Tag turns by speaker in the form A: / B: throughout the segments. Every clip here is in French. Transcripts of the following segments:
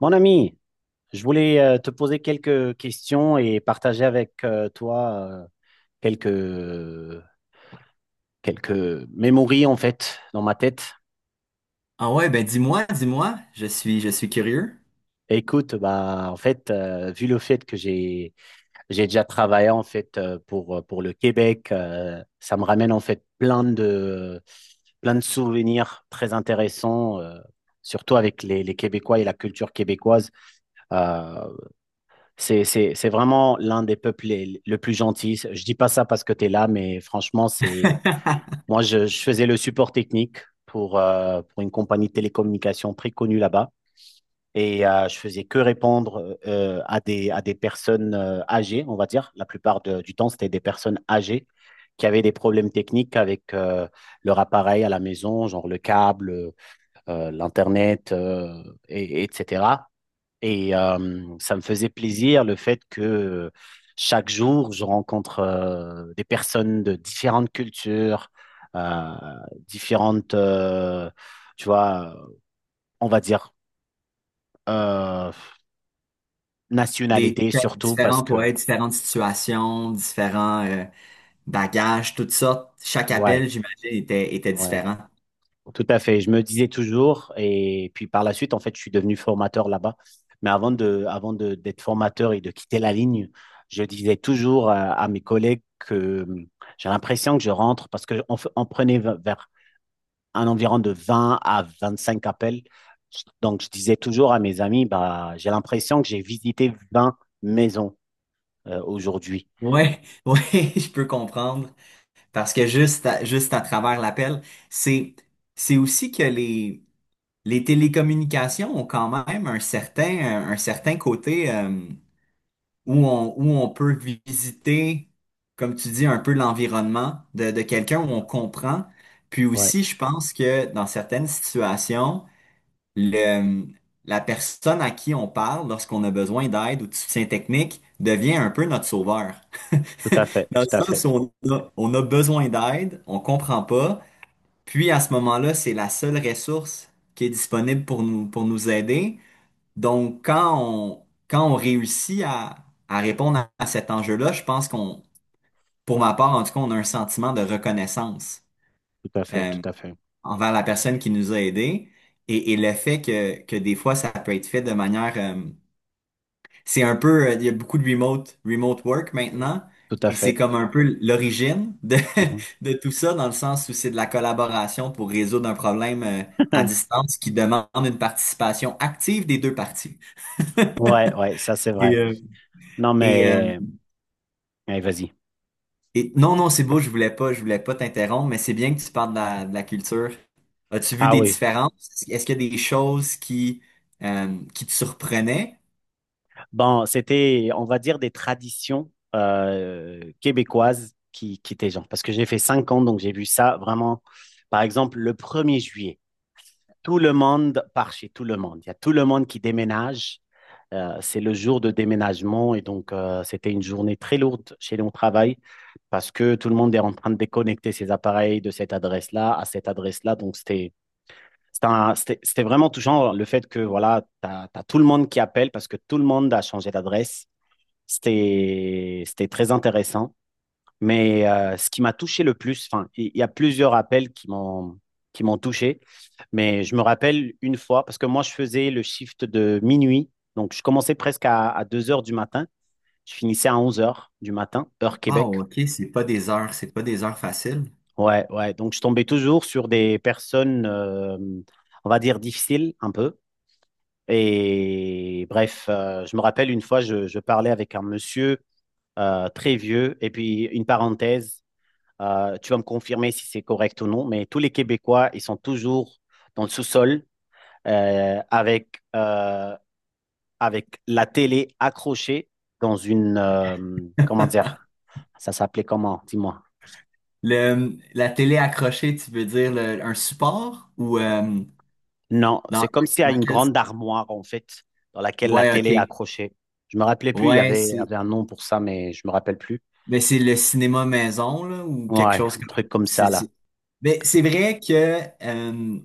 A: Mon ami, je voulais te poser quelques questions et partager avec toi quelques quelques mémories en fait dans ma tête.
B: Ah ouais, ben dis-moi, je suis curieux.
A: Écoute, bah en fait, vu le fait que j'ai déjà travaillé en fait pour le Québec, ça me ramène en fait plein de souvenirs très intéressants, surtout avec les Québécois et la culture québécoise. Euh, c'est vraiment l'un des peuples le plus gentil. Je dis pas ça parce que tu es là, mais franchement, c'est moi, je faisais le support technique pour une compagnie de télécommunications très connue là-bas. Et je faisais que répondre à des personnes âgées, on va dire. La plupart du temps, c'était des personnes âgées qui avaient des problèmes techniques avec leur appareil à la maison, genre le câble, l'Internet, et, etc. Et ça me faisait plaisir le fait que chaque jour, je rencontre des personnes de différentes cultures, euh, différentes, tu vois, on va dire, euh,
B: Des
A: nationalités surtout parce
B: différents
A: que,
B: poètes, différentes situations, différents bagages, toutes sortes. Chaque
A: ouais,
B: appel, j'imagine, était, était
A: ouais.
B: différent.
A: Tout à fait. Je me disais toujours, et puis par la suite, en fait, je suis devenu formateur là-bas. Mais avant d'être formateur et de quitter la ligne, je disais toujours à mes collègues que j'ai l'impression que je rentre parce qu'on prenait vers un environ de 20 à 25 appels. Donc, je disais toujours à mes amis, bah, j'ai l'impression que j'ai visité 20 maisons aujourd'hui.
B: Ouais, ouais, je peux comprendre. Parce que juste à travers l'appel, c'est, c'est aussi que les télécommunications ont quand même un, certain côté. Où où on peut visiter, comme tu dis, un peu l'environnement de quelqu'un, où on comprend. Puis
A: Ouais,
B: aussi, je pense que dans certaines situations, le, la personne à qui on parle lorsqu'on a besoin d'aide ou de soutien technique devient un peu notre sauveur.
A: tout à fait,
B: Dans le
A: tout à fait,
B: sens où on a besoin d'aide, on comprend pas, puis à ce moment-là, c'est la seule ressource qui est disponible pour nous aider. Donc, quand on réussit à répondre à cet enjeu-là, je pense qu'on, pour ma part, en tout cas, on a un sentiment de reconnaissance
A: tout à fait,
B: euh,
A: tout à fait.
B: envers la personne qui nous a aidés et le fait que des fois, ça peut être fait de manière... c'est un peu... Il y a beaucoup de remote work
A: Euh,
B: maintenant
A: Tout à
B: et c'est
A: fait.
B: comme un peu l'origine de,
A: Mhm.
B: de tout ça dans le sens où c'est de la collaboration pour résoudre un problème à distance qui demande une participation active des deux parties.
A: Ouais, ouais, ça c'est
B: Et,
A: vrai. Non,
B: et, euh,
A: mais, allez, vas-y.
B: Et non, non, c'est beau, je voulais pas t'interrompre, mais c'est bien que tu parles de de la culture. As-tu vu
A: Ah
B: des
A: oui.
B: différences? Est-ce qu'il y a des choses qui te surprenaient?
A: Bon, c'était, on va dire, des traditions québécoises qui étaient genre. Parce que j'ai fait 5 ans, donc j'ai vu ça vraiment. Par exemple, le premier juillet, tout le monde part chez tout le monde. Il y a tout le monde qui déménage. C'est le jour de déménagement et donc c'était une journée très lourde chez nous au travail parce que tout le monde est en train de déconnecter ses appareils de cette adresse-là à cette adresse-là. Donc c'était vraiment touchant le fait que voilà, tu as, tout le monde qui appelle parce que tout le monde a changé d'adresse. C'était, c'était très intéressant. Mais ce qui m'a touché le plus, enfin, il y a plusieurs appels qui m'ont touché, mais je me rappelle une fois, parce que moi, je faisais le shift de minuit, donc je commençais presque à 2 heures du matin, je finissais à 11 heures du matin, heure Québec.
B: Wow, ok, c'est pas des heures faciles.
A: Ouais, ouais, donc je tombais toujours sur des personnes, on va dire, difficiles un peu. Et bref, je me rappelle une fois, je parlais avec un monsieur très vieux, et puis une parenthèse, tu vas me confirmer si c'est correct ou non, mais tous les Québécois, ils sont toujours dans le sous-sol avec, avec la télé accrochée dans une, comment dire? Ça s'appelait comment? Dis-moi.
B: Le, la télé accrochée, tu veux dire un support ou
A: Non,
B: dans,
A: c'est comme s'il y a
B: dans
A: une
B: quel...
A: grande armoire, en fait, dans laquelle la
B: Ouais,
A: télé est
B: ok.
A: accrochée. Je me rappelais plus, il y
B: Ouais,
A: avait, il y
B: c'est
A: avait un nom pour ça, mais je me rappelle plus.
B: mais c'est le cinéma maison là, ou quelque
A: Ouais,
B: chose
A: un
B: comme
A: truc comme
B: c'est
A: ça, là.
B: c'est- Mais c'est vrai que euh,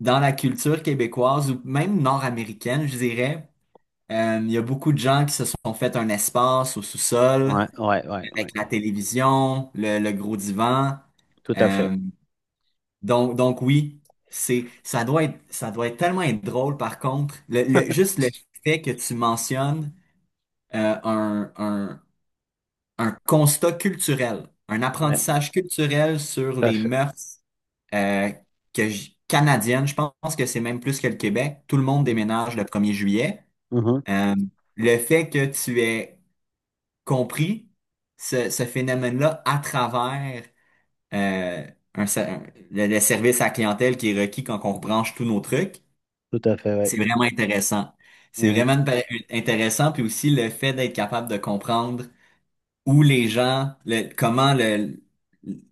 B: dans la culture québécoise ou même nord-américaine, je dirais. Il y a beaucoup de gens qui se sont fait un espace au sous-sol
A: Ouais, ouais, ouais,
B: avec
A: ouais.
B: la télévision, le gros divan.
A: Tout à fait.
B: Euh, donc oui, ça doit être tellement être drôle par contre. Juste le fait que tu mentionnes euh, un, un, un constat culturel, un
A: Ouais,
B: apprentissage culturel sur
A: tout à
B: les
A: fait.
B: mœurs euh, que canadienne, je pense que c'est même plus que le Québec. Tout le monde
A: Mhm,
B: déménage le premier juillet.
A: mhm.
B: Euh, le fait que tu aies compris ce phénomène-là à travers euh, un se- un- le service à la clientèle qui est requis quand on rebranche tous nos trucs,
A: Tout à fait,
B: c'est
A: ouais.
B: vraiment intéressant. C'est
A: Mhm,
B: vraiment intéressant, puis aussi le fait d'être capable de comprendre où les gens, comment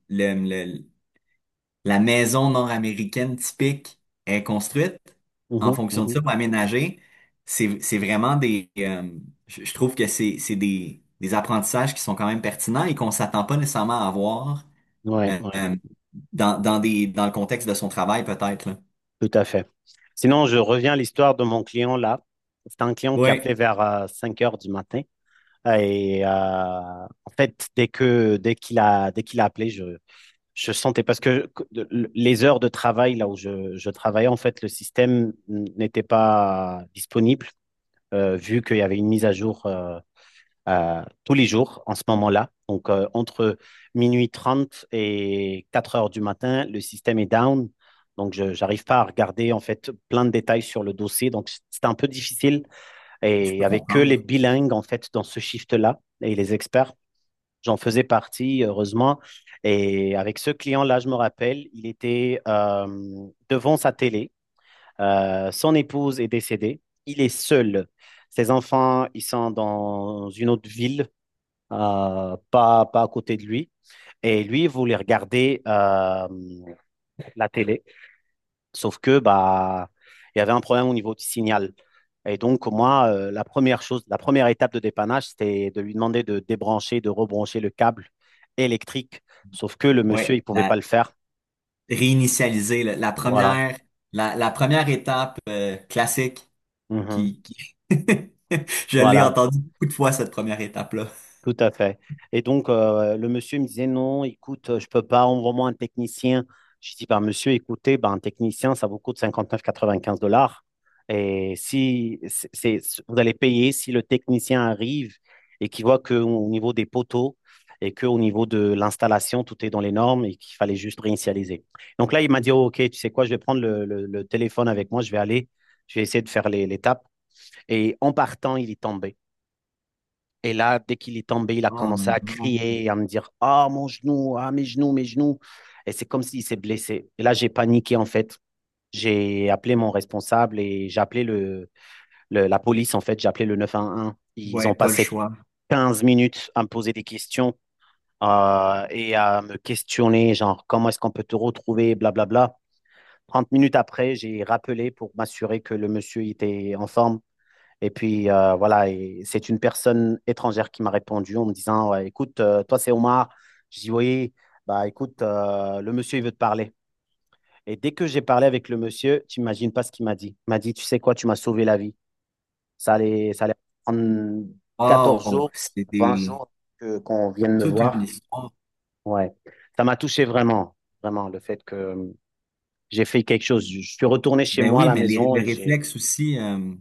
B: le, la maison nord-américaine typique est construite en
A: mhm,
B: fonction de
A: mhm.
B: ça pour aménager. C'est vraiment des... je trouve que c'est, des apprentissages qui sont quand même pertinents et qu'on s'attend pas nécessairement à avoir
A: Ouais,
B: euh,
A: ouais.
B: euh, dans le contexte de son travail, peut-être, là.
A: Tout à fait. Sinon, je reviens à l'histoire de mon client là. C'est un client qui
B: Oui,
A: appelait vers 5 heures du matin. Et en fait, dès qu'il a appelé, je sentais parce que les heures de travail là où je travaillais, en fait, le système n'était pas disponible vu qu'il y avait une mise à jour tous les jours en ce moment-là. Donc, entre minuit 30 et 4 heures du matin, le système est down. Donc, je n'arrive pas à regarder en fait plein de détails sur le dossier. Donc, c'était un peu difficile.
B: je
A: Et
B: peux
A: avec que les
B: comprendre.
A: bilingues en fait dans ce shift-là et les experts, j'en faisais partie, heureusement. Et avec ce client-là, je me rappelle, il était devant sa télé. Son épouse est décédée. Il est seul. Ses enfants, ils sont dans une autre ville, pas à côté de lui. Et lui, il voulait regarder la télé. Sauf que bah, il y avait un problème au niveau du signal. Et donc, moi, la première chose, la première étape de dépannage, c'était de lui demander de débrancher, de rebrancher le câble électrique. Sauf que le
B: Oui,
A: monsieur, il ne pouvait pas
B: la,
A: le faire.
B: réinitialiser, la
A: Voilà.
B: première, la première étape classique
A: Mhm.
B: qui... Je l'ai
A: Voilà.
B: entendu beaucoup de fois, cette première étape-là.
A: Tout à fait. Et donc, le monsieur me disait, non, écoute, je peux pas, envoie-moi un technicien. Je dis, ben, monsieur, écoutez, ben, un technicien, ça vous coûte cinquante-neuf virgule quatre-vingt-quinze dollars. Et si vous allez payer, si le technicien arrive et qu'il voit qu'au niveau des poteaux et qu'au niveau de l'installation, tout est dans les normes et qu'il fallait juste réinitialiser. Donc là, il m'a dit, oh, OK, tu sais quoi, je vais prendre le téléphone avec moi, je vais aller, je vais essayer de faire l'étape. Et en partant, il est tombé. Et là, dès qu'il est tombé, il a
B: Oh
A: commencé
B: non.
A: à crier, à me dire: ah, mon genou, ah, mes genoux, mes genoux. Et c'est comme s'il s'est blessé. Et là, j'ai paniqué, en fait. J'ai appelé mon responsable et j'ai appelé la police, en fait. J'ai appelé le 911. Ils
B: Ouais,
A: ont
B: pas le
A: passé
B: choix.
A: 15 minutes à me poser des questions et à me questionner, genre, comment est-ce qu'on peut te retrouver, blablabla. 30 minutes après, j'ai rappelé pour m'assurer que le monsieur était en forme et puis voilà, et c'est une personne étrangère qui m'a répondu en me disant: ouais, écoute, toi c'est Omar. Je dis: oui, bah écoute, le monsieur il veut te parler. Et dès que j'ai parlé avec le monsieur, tu n'imagines pas ce qu'il m'a dit. Il m'a dit: tu sais quoi, tu m'as sauvé la vie. Ça allait prendre 14
B: Oh,
A: jours,
B: c'est
A: 20
B: des...
A: jours qu'on vienne me
B: toute une
A: voir.
B: histoire.
A: Ouais, ça m'a touché vraiment, vraiment, le fait que j'ai fait quelque chose. Je suis retourné chez
B: Ben
A: moi à
B: oui,
A: la
B: mais
A: maison
B: les
A: et j'ai.
B: réflexes aussi,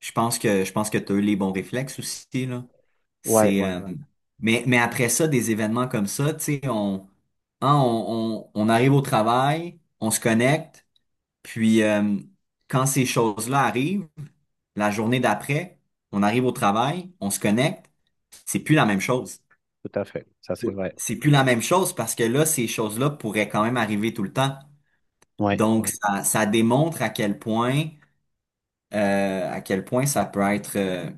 B: je pense que tu as eu les bons réflexes aussi, là.
A: Ouais,
B: C'est,
A: ouais, ouais,
B: mais après ça, des événements comme ça, tu sais, on, hein, on arrive au travail, on se connecte, puis quand ces choses-là arrivent, la journée d'après, on arrive au travail, on se connecte, c'est plus la même chose.
A: tout à fait. Ça c'est vrai.
B: C'est plus la même chose parce que là, ces choses-là pourraient quand même arriver tout le temps.
A: Ouais,
B: Donc,
A: ouais,
B: ça démontre à quel point ça peut être,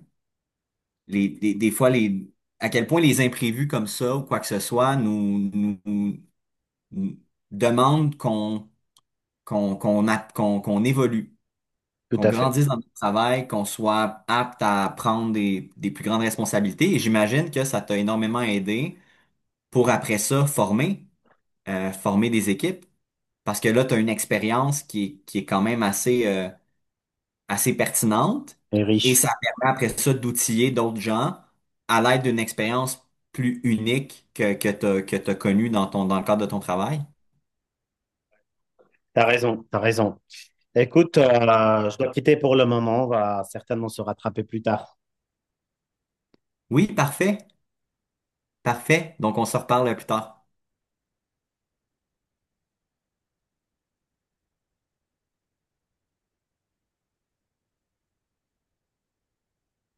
B: les, des fois, les, à quel point les imprévus comme ça ou quoi que ce soit nous demandent qu'on, qu'on, qu'on, a qu'on, qu'on évolue,
A: tout
B: qu'on
A: à fait.
B: grandisse dans notre travail, qu'on soit apte à prendre des plus grandes responsabilités. Et j'imagine que ça t'a énormément aidé pour après ça former, former des équipes. Parce que là, tu as une expérience qui est quand même assez, assez pertinente
A: Et
B: et
A: riche.
B: ça permet après ça d'outiller d'autres gens à l'aide d'une expérience plus unique que t'as connue dans ton, dans le cadre de ton travail.
A: T'as raison, t'as raison. Écoute, je dois quitter pour le moment. On va certainement se rattraper plus tard.
B: Oui, parfait, parfait. Donc on se reparle plus tard.